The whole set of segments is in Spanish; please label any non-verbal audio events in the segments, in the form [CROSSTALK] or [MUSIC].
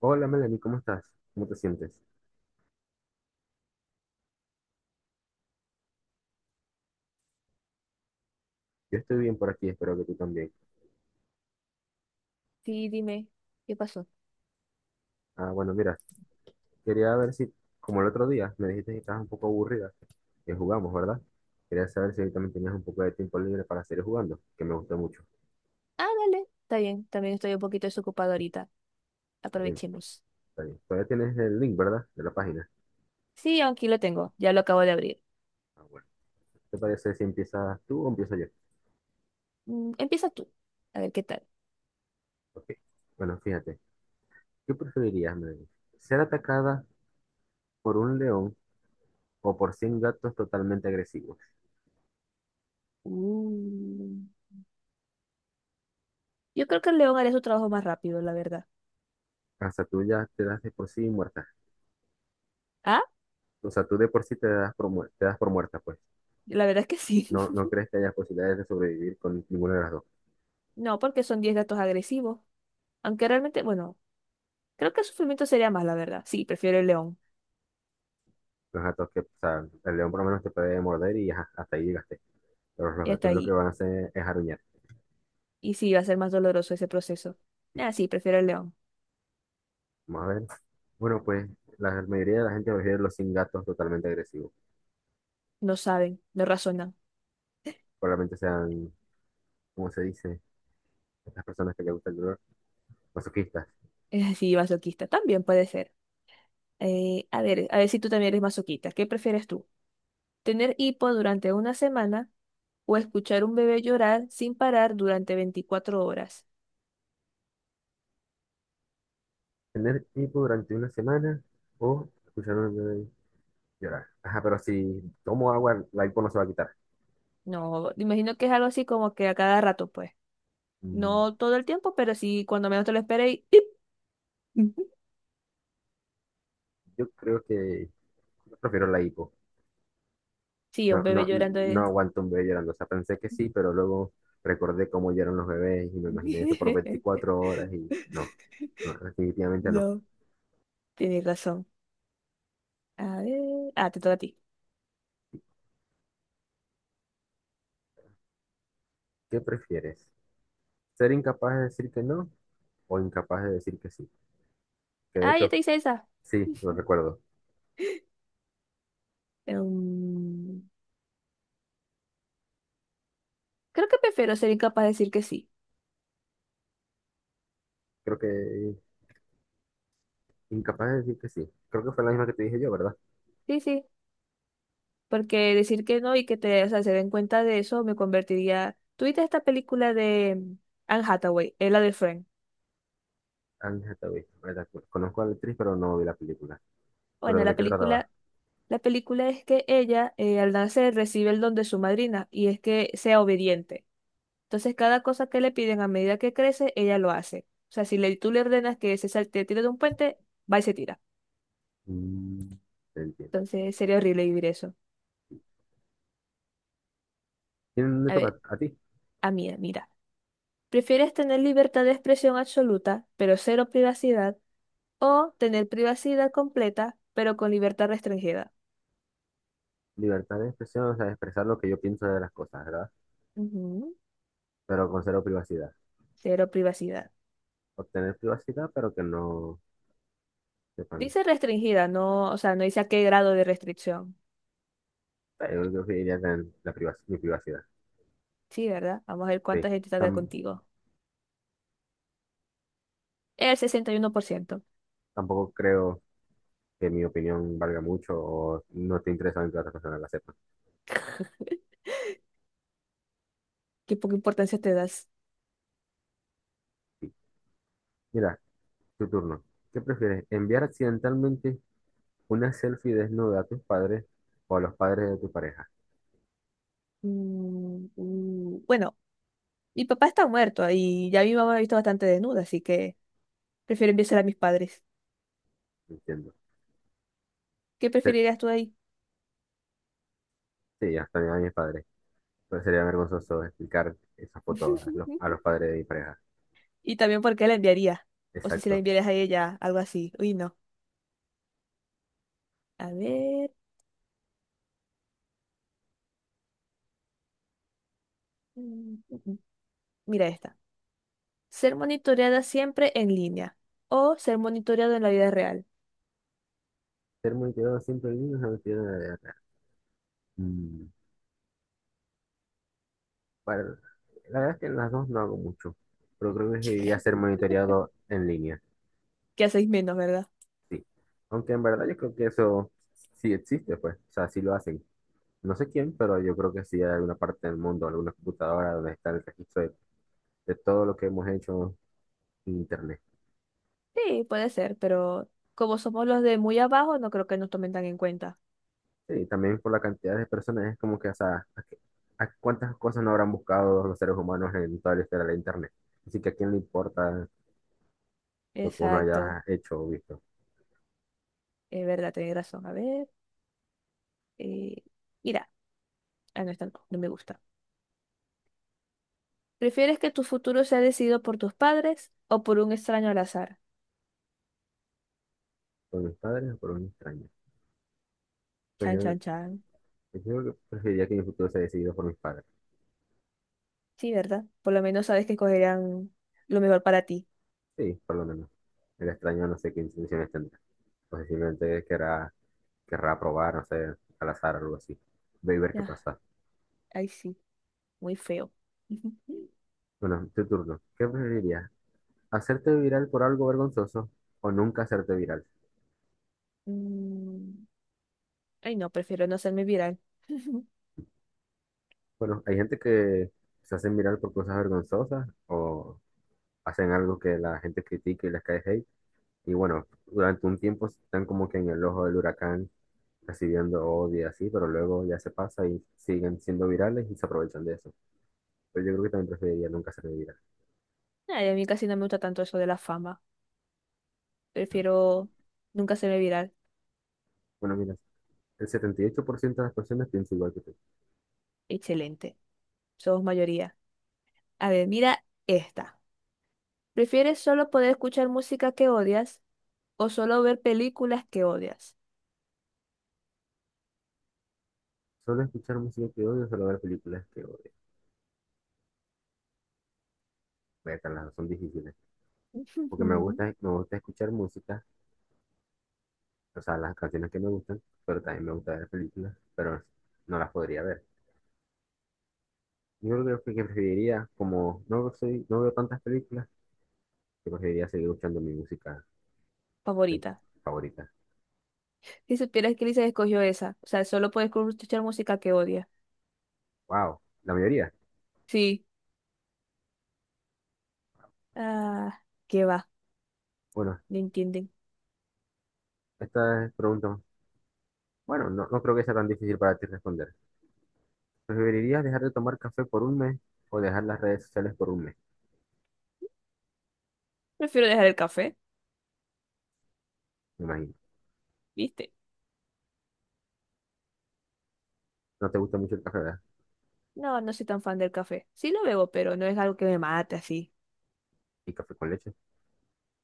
Hola Melanie, ¿cómo estás? ¿Cómo te sientes? Yo estoy bien por aquí, espero que tú también. Sí, dime, ¿qué pasó? Bueno, mira, quería ver si, como el otro día, me dijiste que estabas un poco aburrida, que jugamos, ¿verdad? Quería saber si hoy también tenías un poco de tiempo libre para seguir jugando, que me gustó mucho. Ah, dale, está bien, también estoy un poquito desocupado ahorita. Está bien, Aprovechemos. está bien. Todavía tienes el link, ¿verdad? De la página. Sí, aquí lo tengo, ya lo acabo de abrir. Bueno. ¿Te parece si empiezas tú o empiezo yo? Empieza tú, a ver qué tal. Ok. Bueno, fíjate, ¿qué preferirías, Melanie? ¿Ser atacada por un león o por 100 gatos totalmente agresivos? Uh, Yo creo que el león haría su trabajo más rápido, la verdad. Hasta tú ya te das de por sí muerta. Ah, O sea, tú de por sí te das por, te das por muerta, pues. la verdad es que sí. No, no [LAUGHS] crees que haya posibilidades de sobrevivir con ninguna de las dos. No, porque son 10 gatos agresivos. Aunque realmente, bueno, creo que el sufrimiento sería más, la verdad. Sí, prefiero el león. Los gatos que, o sea, el león por lo menos te puede morder y ajá, hasta ahí llegaste. Pero los Ya está gatos lo que ahí. van a hacer es aruñar. Y sí, va a ser más doloroso ese proceso. Sí. Ah, sí, prefiero el león. Vamos a ver. Bueno, pues la mayoría de la gente prefiere los sin gatos totalmente agresivos. No saben, no razonan. [LAUGHS] Probablemente sean, ¿cómo se dice? Estas personas que les gusta el dolor, masoquistas. Es así, masoquista. También puede ser. A ver, a ver si tú también eres masoquista. ¿Qué prefieres tú? ¿Tener hipo durante una semana o escuchar un bebé llorar sin parar durante 24 horas? Tener hipo durante una semana o escuchar un bebé llorar. Ajá, pero si tomo agua, la hipo no se va a quitar. No, imagino que es algo así como que a cada rato, pues. Mm, No todo el tiempo, pero sí cuando menos te lo esperes. Y ¡pip! Ujú. Yo creo que prefiero la hipo. Sí, un No, bebé no, llorando no es. aguanto un bebé llorando. O sea, pensé que sí, pero luego recordé cómo lloran los bebés y me imaginé eso por 24 [LAUGHS] horas y no, no, definitivamente no. No, tienes razón. A ver. Ah, te toca a ti. ¿Qué prefieres? ¿Ser incapaz de decir que no o incapaz de decir que sí? Que de Ah, ya hecho, te hice esa. sí, lo recuerdo. Em, creo que prefiero ser incapaz de decir que sí. Creo que incapaz de decir que sí. Creo que fue la misma que te dije yo, ¿verdad? Sí, sí. Porque decir que no y que o sea, se den cuenta de eso me convertiría. ¿Tuviste esta película de Anne Hathaway, la de Friend? Anne Hathaway, ¿verdad? Conozco a la actriz, pero no vi la película. Bueno, ¿Pero la de qué trataba? película, la película es que ella al nacer recibe el don de su madrina y es que sea obediente. Entonces cada cosa que le piden a medida que crece, ella lo hace. O sea, si le, tú le ordenas que se salte, tire de un puente, va y se tira. Mm, te entiendo. Entonces sería horrible vivir eso. ¿Quién le A ver, toca a ti? a mí, mira. ¿Prefieres tener libertad de expresión absoluta, pero cero privacidad? O tener privacidad completa, pero con libertad restringida. Libertad de expresión, o sea, expresar lo que yo pienso de las cosas, ¿verdad? Ujú, Pero con cero privacidad. cero privacidad. Obtener privacidad, pero que no sepan. Dice restringida, no, o sea, no dice a qué grado de restricción. Yo creo que iría con la mi privacidad. Sí, ¿verdad? Vamos a ver Sí. cuánta gente está de Tam- contigo. El 61%. Tampoco creo que mi opinión valga mucho o no esté interesado en que otras personas la sepan. Qué poca importancia te das. Sí. Mira, tu turno. ¿Qué prefieres? ¿Enviar accidentalmente una selfie desnuda a tus padres o a los padres de tu pareja? Bueno, mi papá está muerto y ya mi mamá me ha visto bastante desnuda, así que prefiero enviársela a mis padres. Entiendo. ¿Qué Se- preferirías tú ahí? Sí, hasta a mis padres. Pero sería vergonzoso explicar esa foto a [LAUGHS] los padres de mi pareja. Y también por qué la enviaría. O si se la Exacto. enviarías a ella, algo así. Uy, no. A ver. Mira esta. Ser monitoreada siempre en línea o ser monitoreado en la vida real. Ser multidón siempre el mismo es multidón de la vida real. Mm, Para- la verdad es que en las dos no hago mucho, pero creo que debería ser [LAUGHS] monitoreado en línea, Que hacéis menos, ¿verdad? sí. Aunque en verdad yo creo que eso sí existe, pues, o sea, sí lo hacen. No sé quién, pero yo creo que sí hay alguna parte del mundo, alguna computadora donde está el registro de todo lo que hemos hecho en Internet. Sí, puede ser, pero como somos los de muy abajo, no creo que nos tomen tan en cuenta. Sí, también por la cantidad de personas, es como que, o sea, ¿a, a cuántas cosas no habrán buscado los seres humanos en toda la historia de Internet? Así que a quién le importa lo que uno Exacto. haya hecho o visto Es verdad, tenéis razón. A ver. eh, Mira, ah, no, esta no, no me gusta. ¿Prefieres que tu futuro sea decidido por tus padres o por un extraño al azar? por mis padres o por un extraño. Pues Chan, yo, chan, chan. pues yo preferiría que mi futuro sea decidido por mis padres. Sí, ¿verdad? Por lo menos sabes que escogerán lo mejor para ti. Sí, por lo menos. El extraño no sé qué intenciones tendrá. O sea, simplemente querrá, querrá probar, no sé, al azar o algo así. Ve y ver qué Ya, pasa. ahí sí, muy feo. [LAUGHS] Bueno, tu turno. ¿Qué preferirías? ¿Hacerte viral por algo vergonzoso o nunca hacerte viral? Mm, Ay, no, prefiero no hacerme viral. [LAUGHS] Bueno, hay gente que se hacen viral por cosas vergonzosas o hacen algo que la gente critique y les cae hate. Y bueno, durante un tiempo están como que en el ojo del huracán recibiendo odio y así, pero luego ya se pasa y siguen siendo virales y se aprovechan de eso. Pero yo creo que también preferiría nunca ser viral. Ay, a mí casi no me gusta tanto eso de la fama. Prefiero nunca hacerme viral. Bueno, mira, el 78% de las personas piensa igual que tú. Excelente. Somos mayoría. A ver, mira esta. ¿Prefieres solo poder escuchar música que odias o solo ver películas que odias? Solo escuchar música que odio, solo ver películas que odio. Vete, las dos son difíciles. Porque [LAUGHS] me gusta escuchar música, o sea, las canciones que me gustan, pero también me gusta ver películas, pero no las podría ver. Yo creo que preferiría, como no soy, no veo tantas películas, que preferiría seguir escuchando mi música eh, Favorita. favorita. Si supieras que Lisa escogió esa. O sea, solo puedes escuchar música que odia. Wow, la mayoría. Sí. Ah, qué va. Bueno, No entienden. esta es pregunta. Bueno, no, no creo que sea tan difícil para ti responder. ¿Preferirías dejar de tomar café por un mes o dejar las redes sociales por un mes? Prefiero dejar el café, Me imagino. ¿viste? No te gusta mucho el café, ¿verdad? No, no soy tan fan del café. Sí lo bebo, pero no es algo que me mate así. Y café con leche.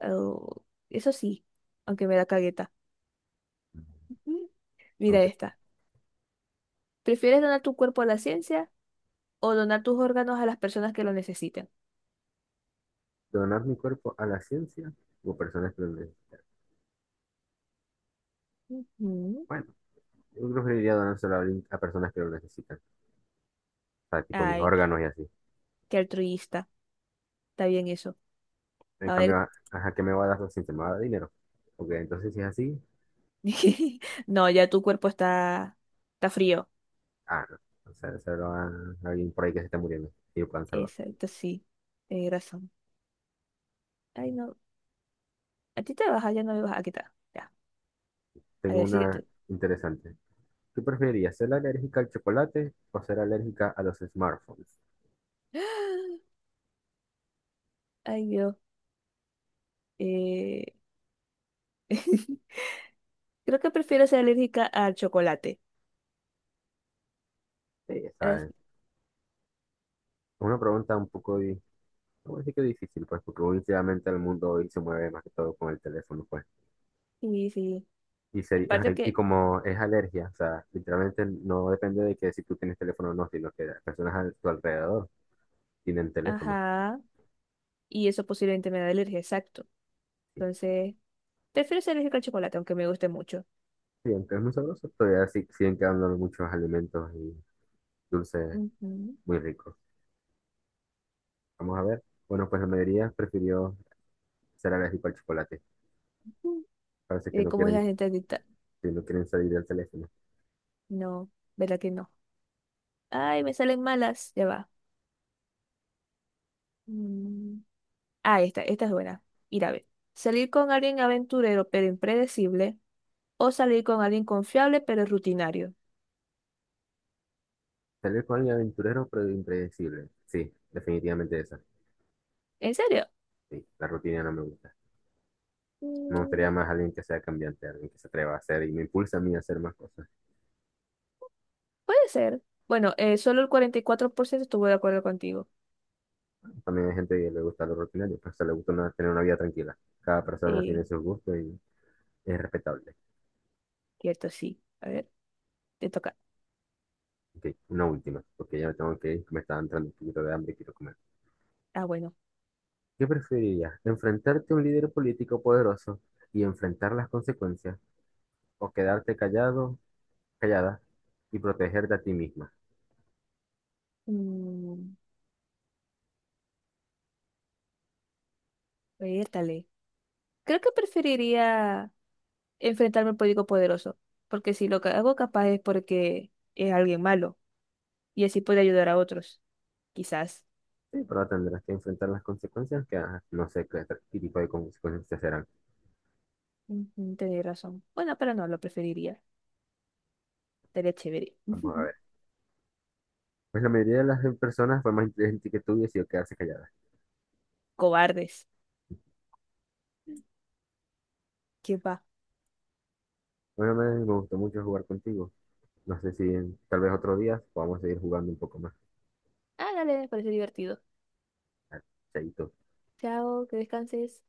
Oh, eso sí, aunque me da cagueta. Ujú. Mira Aunque esta. ¿Prefieres donar tu cuerpo a la ciencia o donar tus órganos a las personas que lo necesiten? donar mi cuerpo a la ciencia o personas que lo necesitan. Ujú. Bueno, yo preferiría donárselo a, a personas que lo necesitan. O sea, tipo mis Ay, órganos y así. qué altruista. Está bien eso. En A cambio, ver. ¿a qué me va a dar la ciencia? ¿Me va a dar dinero? Porque entonces si es así, [LAUGHS] No, ya tu cuerpo está frío. ah, no. O sea, se lo a alguien por ahí que se está muriendo y lo puedan salvar. Exacto, sí. Tienes razón. Ay, no. A ti te baja, ya no me baja. Aquí está. Ya. A Tengo ver, una síguete. interesante. ¿Qué preferirías, ser alérgica al chocolate o ser alérgica a los smartphones? [GASPS] Ay, Dios. Eh, [LAUGHS] Creo que prefiero ser alérgica al chocolate. Sí, esa Es- es una pregunta un poco, no voy a decir que difícil, pues, porque últimamente el mundo hoy se mueve más que todo con el teléfono, pues. Sí, sí. Y, sería, Aparte ajá, y que, como es alergia, o sea, literalmente no depende de que si tú tienes teléfono o no, sino que las personas a tu alrededor tienen teléfono. ajá, y eso posiblemente me da alergia, exacto. Sí, Entonces, prefiero ser alérgica al chocolate, aunque me guste mucho. sí, aunque es muy sabroso, todavía siguen quedando muchos alimentos y dulces Ujú. muy ricos. Vamos a ver. Bueno, pues la mayoría prefirió ser alérgico al chocolate. Parece que no ¿Cómo es la quieren gente adicta? si no quieren salir del teléfono. No, ¿verdad que no? Ay, me salen malas, ya va. Mm. Ah, esta es buena. Ir a ver. Salir con alguien aventurero pero impredecible o salir con alguien confiable pero rutinario. Salir con alguien aventurero, pero impredecible. Sí, definitivamente esa. ¿En serio? Sí, la rutina no me gusta. Me gustaría Mm, más alguien que sea cambiante, alguien que se atreva a hacer y me impulsa a mí a hacer más cosas. puede ser. Bueno, solo el 44% estuvo de acuerdo contigo. También hay gente que le gusta lo rutinario, pero se le gusta tener una vida tranquila. Cada persona Eh, tiene sus gustos y es respetable. cierto, sí. A ver, te toca. Ok, una última, porque ya me tengo que ir, que me está entrando un poquito de hambre y quiero comer. Ah, bueno. ¿Qué preferirías? ¿Enfrentarte a un líder político poderoso y enfrentar las consecuencias o quedarte callado, callada y protegerte a ti misma? Mm, Vértale. Creo que preferiría enfrentarme al político poderoso, porque si lo que hago capaz es porque es alguien malo y así puede ayudar a otros, quizás. Sí, pero tendrás que enfrentar las consecuencias que ah, no sé qué, qué tipo de consecuencias serán. Ujú, tenéis razón. Bueno, pero no, lo preferiría. Sería chévere. Vamos a [LAUGHS] ver. Pues la mayoría de las personas fue más inteligente que tú y decidió quedarse callada. Cobardes. ¿Qué va? Bueno, Melanie, me gustó mucho jugar contigo. No sé si tal vez otro día podamos seguir jugando un poco más. Ah, dale, me parece divertido. Chaito. Chao, que descanses.